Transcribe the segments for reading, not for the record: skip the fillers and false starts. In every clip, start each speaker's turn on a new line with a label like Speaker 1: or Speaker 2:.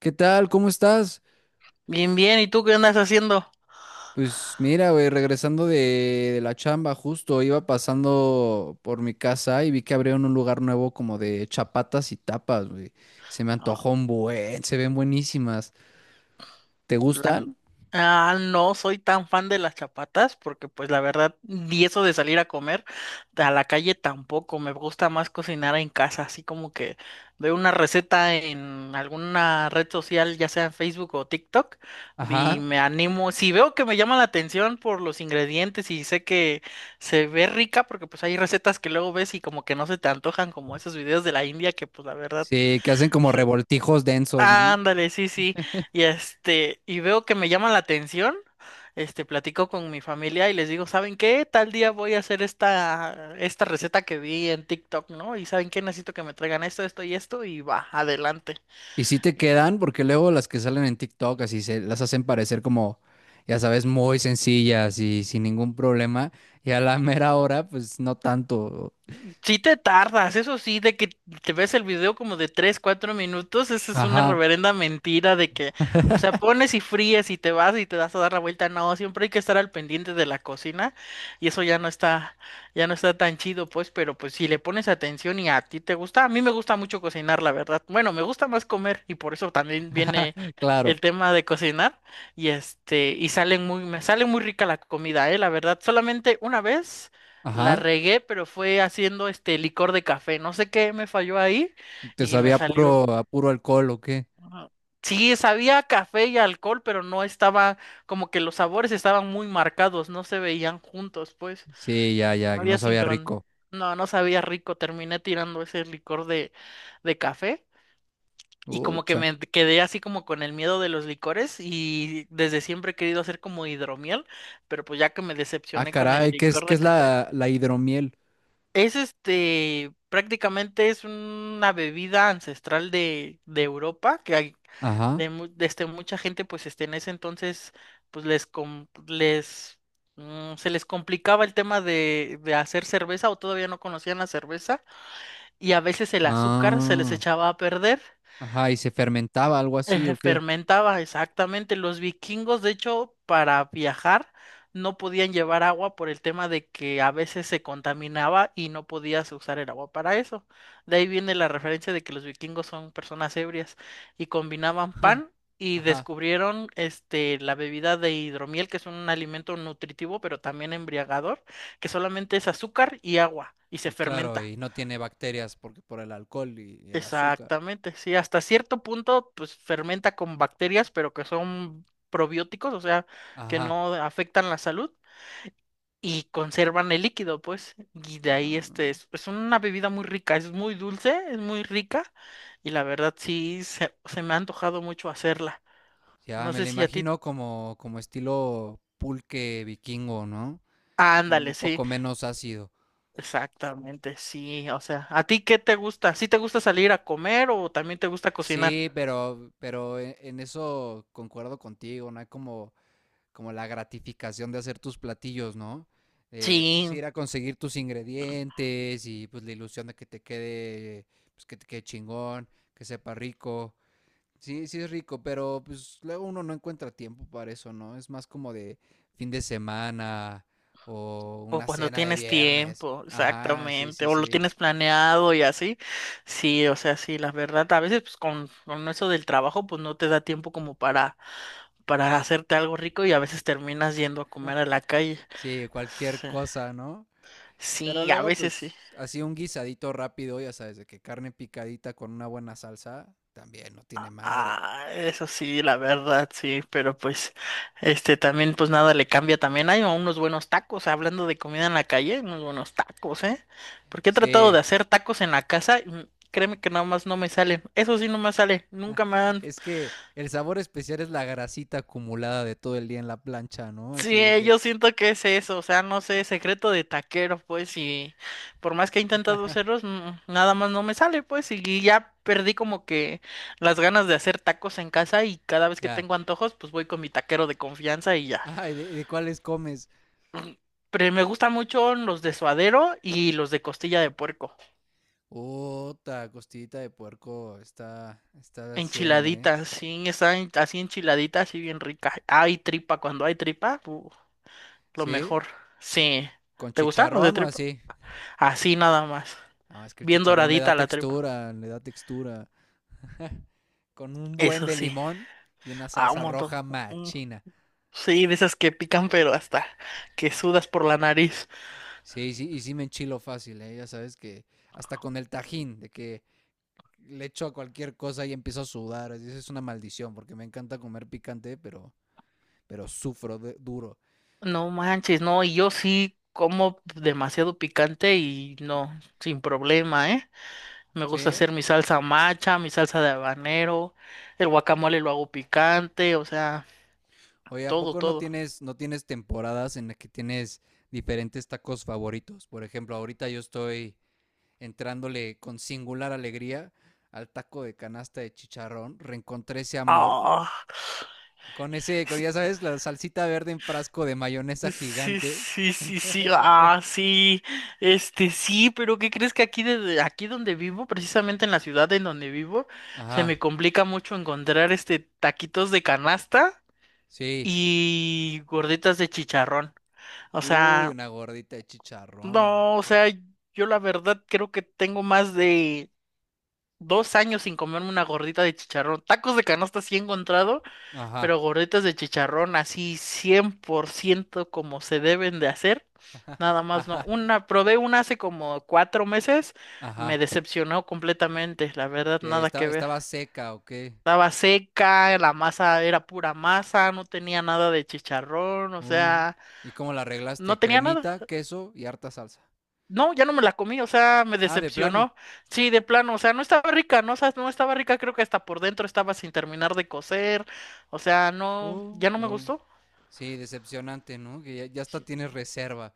Speaker 1: ¿Qué tal? ¿Cómo estás?
Speaker 2: Bien, bien, ¿y tú qué andas haciendo?
Speaker 1: Pues mira, güey, regresando de la chamba, justo iba pasando por mi casa y vi que abrieron un lugar nuevo como de chapatas y tapas, güey. Se me
Speaker 2: Ah,
Speaker 1: antojó un buen, se ven buenísimas. ¿Te
Speaker 2: la
Speaker 1: gustan?
Speaker 2: no soy tan fan de las chapatas porque pues la verdad, y eso de salir a comer a la calle tampoco, me gusta más cocinar en casa, así como que veo una receta en alguna red social, ya sea en Facebook o TikTok, y
Speaker 1: Ajá.
Speaker 2: me animo, si veo que me llama la atención por los ingredientes y sé que se ve rica, porque pues hay recetas que luego ves y como que no se te antojan como esos videos de la India que pues la verdad.
Speaker 1: Sí, que hacen como revoltijos densos, ¿no?
Speaker 2: Ándale, sí, sí. Y este, y veo que me llama la atención. Platico con mi familia y les digo, ¿saben qué? Tal día voy a hacer esta receta que vi en TikTok, ¿no? Y ¿saben qué? Necesito que me traigan esto, esto y esto, y va, adelante.
Speaker 1: Y sí te quedan, porque luego las que salen en TikTok así se las hacen parecer como, ya sabes, muy sencillas y sin ningún problema. Y a la mera hora, pues no tanto.
Speaker 2: Sí te tardas, eso sí, de que te ves el video como de 3 4 minutos, esa es una
Speaker 1: Ajá,
Speaker 2: reverenda mentira de que, o sea, pones y fríes y te vas y te das a dar la vuelta, no, siempre hay que estar al pendiente de la cocina y eso ya no está tan chido, pues, pero pues si le pones atención y a ti te gusta, a mí me gusta mucho cocinar, la verdad, bueno, me gusta más comer y por eso también viene
Speaker 1: claro.
Speaker 2: el tema de cocinar y me sale muy rica la comida, la verdad, solamente una vez. La
Speaker 1: Ajá,
Speaker 2: regué, pero fue haciendo este licor de café. No sé qué me falló ahí
Speaker 1: te
Speaker 2: y me
Speaker 1: sabía puro,
Speaker 2: salió.
Speaker 1: a puro alcohol o qué.
Speaker 2: Ajá. Sí, sabía a café y alcohol, pero no estaba, como que los sabores estaban muy marcados, no se veían juntos, pues.
Speaker 1: Sí, ya, ya,
Speaker 2: No
Speaker 1: que no
Speaker 2: había
Speaker 1: sabía
Speaker 2: sincron.
Speaker 1: rico.
Speaker 2: No, no sabía rico. Terminé tirando ese licor de café. Y como que
Speaker 1: Ucha.
Speaker 2: me quedé así como con el miedo de los licores y desde siempre he querido hacer como hidromiel, pero pues ya que me
Speaker 1: Ah,
Speaker 2: decepcioné con el
Speaker 1: caray,
Speaker 2: licor
Speaker 1: qué
Speaker 2: de
Speaker 1: es
Speaker 2: café.
Speaker 1: la hidromiel?
Speaker 2: Es prácticamente es una bebida ancestral de Europa, que hay,
Speaker 1: Ajá.
Speaker 2: de, mu- de, este, mucha gente, pues en ese entonces, pues les, com- les mm, se les complicaba el tema de hacer cerveza o todavía no conocían la cerveza y a veces el azúcar se les
Speaker 1: Ah,
Speaker 2: echaba a perder.
Speaker 1: ajá, y se fermentaba algo así o qué.
Speaker 2: Fermentaba, exactamente. Los vikingos, de hecho, para viajar no podían llevar agua por el tema de que a veces se contaminaba y no podías usar el agua para eso. De ahí viene la referencia de que los vikingos son personas ebrias y combinaban
Speaker 1: Ja,
Speaker 2: pan y
Speaker 1: ajá,
Speaker 2: descubrieron la bebida de hidromiel, que es un alimento nutritivo, pero también embriagador, que solamente es azúcar y agua y se
Speaker 1: y claro,
Speaker 2: fermenta.
Speaker 1: y no tiene bacterias porque por el alcohol y el azúcar.
Speaker 2: Exactamente, sí, hasta cierto punto, pues fermenta con bacterias, pero que son probióticos, o sea, que
Speaker 1: Ajá.
Speaker 2: no afectan la salud y conservan el líquido, pues, y de ahí
Speaker 1: Ah,
Speaker 2: es una bebida muy rica, es muy dulce, es muy rica y la verdad sí se me ha antojado mucho hacerla.
Speaker 1: ya
Speaker 2: No
Speaker 1: me
Speaker 2: sé
Speaker 1: la
Speaker 2: si a ti,
Speaker 1: imagino como, como estilo pulque vikingo, ¿no?
Speaker 2: ándale,
Speaker 1: Un
Speaker 2: sí,
Speaker 1: poco menos ácido.
Speaker 2: exactamente, sí, o sea, ¿a ti qué te gusta? ¿Sí te gusta salir a comer o también te gusta cocinar?
Speaker 1: Sí, pero en eso concuerdo contigo, no hay como, como la gratificación de hacer tus platillos, ¿no? Pues
Speaker 2: Sí.
Speaker 1: ir a conseguir tus ingredientes y pues la ilusión de que te quede, pues que te quede chingón, que sepa rico. Sí, sí es rico, pero pues luego uno no encuentra tiempo para eso, ¿no? Es más como de fin de semana o
Speaker 2: O
Speaker 1: una
Speaker 2: cuando
Speaker 1: cena de
Speaker 2: tienes
Speaker 1: viernes.
Speaker 2: tiempo,
Speaker 1: Ajá, sí,
Speaker 2: exactamente,
Speaker 1: sí,
Speaker 2: o lo
Speaker 1: sí.
Speaker 2: tienes planeado y así. Sí, o sea, sí, la verdad, a veces pues con eso del trabajo pues no te da tiempo como para hacerte algo rico y a veces terminas yendo a comer a la calle.
Speaker 1: Sí, cualquier
Speaker 2: Sí,
Speaker 1: cosa, ¿no? Pero
Speaker 2: sí, a
Speaker 1: luego,
Speaker 2: veces sí.
Speaker 1: pues, así un guisadito rápido, ya sabes, de que carne picadita con una buena salsa, también no tiene madre.
Speaker 2: Ah, eso sí, la verdad, sí, pero pues, también, pues nada le cambia también. Hay unos buenos tacos, hablando de comida en la calle, unos buenos tacos, ¿eh? Porque he tratado de
Speaker 1: Sí,
Speaker 2: hacer tacos en la casa, y, créeme que nada más no me salen. Eso sí, no me sale, nunca me han.
Speaker 1: es que el sabor especial es la grasita acumulada de todo el día en la plancha, ¿no?
Speaker 2: Sí,
Speaker 1: Así de que,
Speaker 2: yo siento que es eso, o sea, no sé, secreto de taquero, pues, y por más que he intentado hacerlos, nada más no me sale, pues, y ya perdí como que las ganas de hacer tacos en casa y cada vez que
Speaker 1: ya.
Speaker 2: tengo antojos, pues voy con mi taquero de confianza y ya.
Speaker 1: Ay, de cuáles comes?
Speaker 2: Mm, Pero me gustan mucho los de suadero y los de costilla de puerco,
Speaker 1: Puta, costillita de puerco, está, está al 100, ¿eh?
Speaker 2: enchiladitas, sí, están así enchiladitas, así bien ricas. Hay tripa, cuando hay tripa, lo
Speaker 1: Sí,
Speaker 2: mejor. Sí,
Speaker 1: con
Speaker 2: ¿te gustan los de
Speaker 1: chicharrón o
Speaker 2: tripa?
Speaker 1: así.
Speaker 2: Así nada más.
Speaker 1: No, es que el
Speaker 2: Bien
Speaker 1: chicharrón le da
Speaker 2: doradita la tripa.
Speaker 1: textura, le da textura. Con un buen
Speaker 2: Eso
Speaker 1: de
Speaker 2: sí.
Speaker 1: limón y una
Speaker 2: Ah, un
Speaker 1: salsa
Speaker 2: montón.
Speaker 1: roja
Speaker 2: Un-
Speaker 1: machina.
Speaker 2: Sí, de esas que pican, pero hasta que sudas por la nariz.
Speaker 1: Sí, sí, y sí me enchilo fácil, ¿eh? Ya sabes que hasta con el tajín, de que le echo a cualquier cosa y empiezo a sudar. Así, eso es una maldición, porque me encanta comer picante, pero duro.
Speaker 2: No manches, no, y yo sí como demasiado picante y no, sin problema, ¿eh? Me gusta
Speaker 1: ¿Sí?
Speaker 2: hacer mi salsa macha, mi salsa de habanero, el guacamole lo hago picante, o sea,
Speaker 1: Oye, ¿a
Speaker 2: todo,
Speaker 1: poco no
Speaker 2: todo.
Speaker 1: tienes, no tienes temporadas en las que tienes diferentes tacos favoritos? Por ejemplo, ahorita yo estoy entrándole con singular alegría al taco de canasta de chicharrón. Reencontré ese amor.
Speaker 2: Ah,
Speaker 1: Con ese, con ya sabes, la salsita verde en frasco de mayonesa
Speaker 2: sí,
Speaker 1: gigante.
Speaker 2: sí, sí, sí, sí, sí, pero ¿qué crees que aquí, aquí donde vivo, precisamente en la ciudad en donde vivo, se
Speaker 1: Ajá.
Speaker 2: me complica mucho encontrar, taquitos de canasta
Speaker 1: Sí.
Speaker 2: y gorditas de chicharrón? O
Speaker 1: Uy,
Speaker 2: sea,
Speaker 1: una gordita de chicharrón.
Speaker 2: no, o sea, yo la verdad creo que tengo más de 2 años sin comerme una gordita de chicharrón. Tacos de canasta sí he encontrado,
Speaker 1: Ajá.
Speaker 2: pero gorditas de chicharrón así 100% como se deben de hacer. Nada más no.
Speaker 1: Ajá.
Speaker 2: Probé una hace como 4 meses, me
Speaker 1: Ajá.
Speaker 2: decepcionó completamente, la verdad, nada que ver.
Speaker 1: Estaba seca o qué.
Speaker 2: Estaba seca, la masa era pura masa, no tenía nada de chicharrón, o
Speaker 1: Uh,
Speaker 2: sea,
Speaker 1: ¿Y cómo la arreglaste?
Speaker 2: no tenía nada.
Speaker 1: Cremita, queso y harta salsa.
Speaker 2: No, ya no me la comí, o sea, me
Speaker 1: Ah, de plano.
Speaker 2: decepcionó. Sí, de plano, o sea, no estaba rica, no, o sea, no estaba rica, creo que hasta por dentro estaba sin terminar de cocer, o sea, no,
Speaker 1: Uh,
Speaker 2: ya no me
Speaker 1: uh.
Speaker 2: gustó.
Speaker 1: Sí, decepcionante, ¿no? Que ya, ya hasta
Speaker 2: Sí.
Speaker 1: tienes reserva.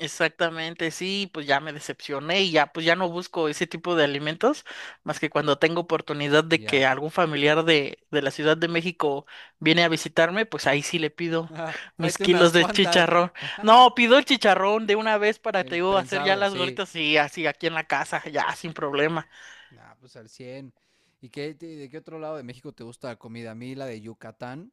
Speaker 2: Exactamente, sí, pues ya me decepcioné y ya, pues ya no busco ese tipo de alimentos, más que cuando tengo oportunidad de que
Speaker 1: Ya.
Speaker 2: algún familiar de la Ciudad de México viene a visitarme, pues ahí sí le pido mis
Speaker 1: Tráete unas
Speaker 2: kilos de
Speaker 1: cuantas.
Speaker 2: chicharrón. No, pido el chicharrón de una vez para, te
Speaker 1: El
Speaker 2: digo, hacer ya
Speaker 1: prensado,
Speaker 2: las
Speaker 1: sí.
Speaker 2: gorditas y así aquí en la casa, ya sin problema.
Speaker 1: Ah, pues al cien. ¿Y qué, de qué otro lado de México te gusta la comida? A mí la de Yucatán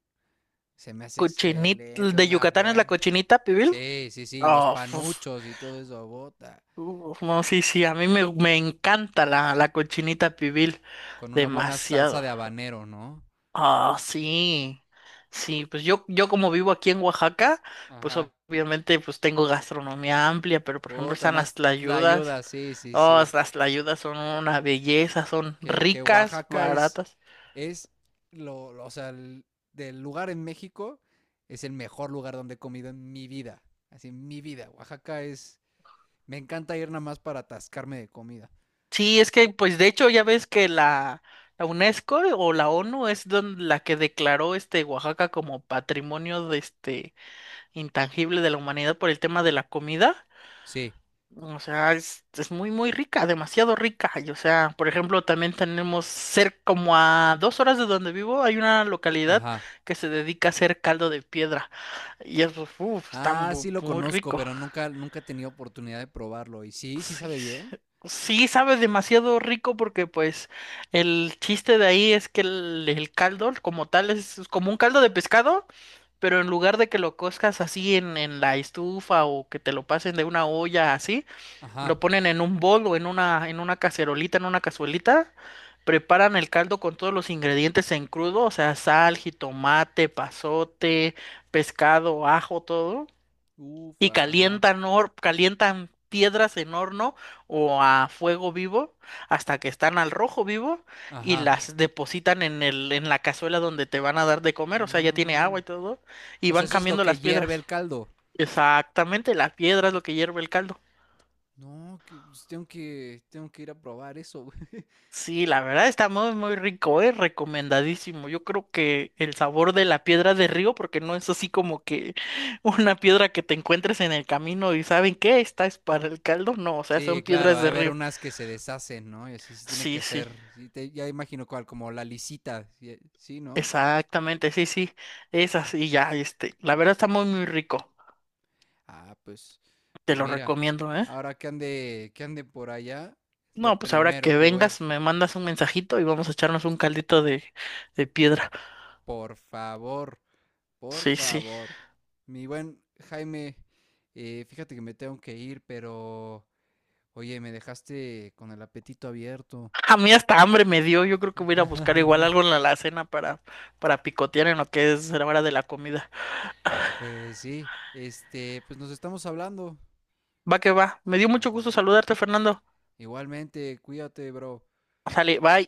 Speaker 1: se me hace
Speaker 2: Cochinita,
Speaker 1: excelente,
Speaker 2: ¿de
Speaker 1: una
Speaker 2: Yucatán es la
Speaker 1: buena.
Speaker 2: cochinita, pibil?
Speaker 1: Sí, sí, sí, los
Speaker 2: Oh, uf,
Speaker 1: panuchos y todo eso, bota.
Speaker 2: uf, no, sí, sí, a mí me encanta la cochinita pibil,
Speaker 1: Con una buena salsa
Speaker 2: demasiado.
Speaker 1: de habanero, ¿no?
Speaker 2: Ah, sí. Sí, pues yo como vivo aquí en Oaxaca, pues
Speaker 1: Ajá.
Speaker 2: obviamente pues tengo gastronomía amplia, pero por ejemplo
Speaker 1: Bota,
Speaker 2: están las
Speaker 1: unas
Speaker 2: tlayudas.
Speaker 1: tlayudas, sí, sí,
Speaker 2: Oh,
Speaker 1: sí.
Speaker 2: las tlayudas son una belleza, son
Speaker 1: Que
Speaker 2: ricas,
Speaker 1: Oaxaca
Speaker 2: baratas.
Speaker 1: es o sea, del lugar en México, es el mejor lugar donde he comido en mi vida. Así, en mi vida. Oaxaca es, me encanta ir nada más para atascarme de comida.
Speaker 2: Sí, es que pues de hecho ya ves que la UNESCO o la ONU la que declaró Oaxaca como patrimonio de este intangible de la humanidad por el tema de la comida.
Speaker 1: Sí,
Speaker 2: O sea, es muy, muy rica, demasiado rica. Y, o sea, por ejemplo, también tenemos cerca, como a 2 horas de donde vivo, hay una localidad
Speaker 1: ajá.
Speaker 2: que se dedica a hacer caldo de piedra. Y eso, uf, está
Speaker 1: Ah, sí lo
Speaker 2: muy
Speaker 1: conozco,
Speaker 2: rico.
Speaker 1: pero nunca, nunca he tenido oportunidad de probarlo. Y sí, sí
Speaker 2: Sí,
Speaker 1: sabe
Speaker 2: sí,
Speaker 1: bien.
Speaker 2: sí sabe demasiado rico porque, pues, el chiste de ahí es que el caldo, como tal, es como un caldo de pescado, pero en lugar de que lo cozcas así en la estufa o que te lo pasen de una olla así.
Speaker 1: Ajá.
Speaker 2: Lo ponen en un bol o en una cacerolita, en una cazuelita. Preparan el caldo con todos los ingredientes en crudo, o sea, sal, jitomate, pasote, pescado, ajo, todo. Y
Speaker 1: Ufa, ajá.
Speaker 2: calientan, calientan piedras en horno o a fuego vivo hasta que están al rojo vivo y
Speaker 1: Ajá.
Speaker 2: las depositan en la cazuela donde te van a dar de comer, o sea, ya tiene
Speaker 1: Ah.
Speaker 2: agua y todo. Y
Speaker 1: O sea,
Speaker 2: van
Speaker 1: eso es lo
Speaker 2: cambiando
Speaker 1: que
Speaker 2: las
Speaker 1: hierve
Speaker 2: piedras.
Speaker 1: el caldo.
Speaker 2: Exactamente, la piedra es lo que hierve el caldo.
Speaker 1: No, que, pues, tengo que ir a probar eso, güey.
Speaker 2: Sí, la verdad está muy, muy rico, es recomendadísimo. Yo creo que el sabor de la piedra de río, porque no es así como que una piedra que te encuentres en el camino y ¿saben qué? Esta es para el caldo. No, o sea,
Speaker 1: Sí,
Speaker 2: son
Speaker 1: claro,
Speaker 2: piedras
Speaker 1: ha de
Speaker 2: de
Speaker 1: haber
Speaker 2: río.
Speaker 1: unas que se deshacen, ¿no? Y así sí tiene
Speaker 2: Sí,
Speaker 1: que
Speaker 2: sí,
Speaker 1: ser. Ya imagino cuál, como la lisita. Sí, sí, ¿no?
Speaker 2: exactamente, sí, sí, esas y ya, la verdad está muy, muy rico.
Speaker 1: Ah, pues,
Speaker 2: Te
Speaker 1: pues
Speaker 2: lo
Speaker 1: mira.
Speaker 2: recomiendo, ¿eh?
Speaker 1: Ahora que ande por allá, es lo
Speaker 2: No, pues ahora
Speaker 1: primero
Speaker 2: que
Speaker 1: que voy a ir.
Speaker 2: vengas, me mandas un mensajito y vamos a echarnos un caldito de piedra.
Speaker 1: Por favor. Por
Speaker 2: Sí, sí.
Speaker 1: favor. Mi buen Jaime, fíjate que me tengo que ir, pero oye, me dejaste con el apetito abierto.
Speaker 2: A mí hasta hambre me dio. Yo creo que voy a ir a buscar igual algo en la alacena para, picotear en lo que es la hora de la comida.
Speaker 1: Pues sí, pues nos estamos hablando.
Speaker 2: Va que va. Me dio mucho gusto saludarte, Fernando.
Speaker 1: Igualmente, cuídate, bro.
Speaker 2: Sale, bye.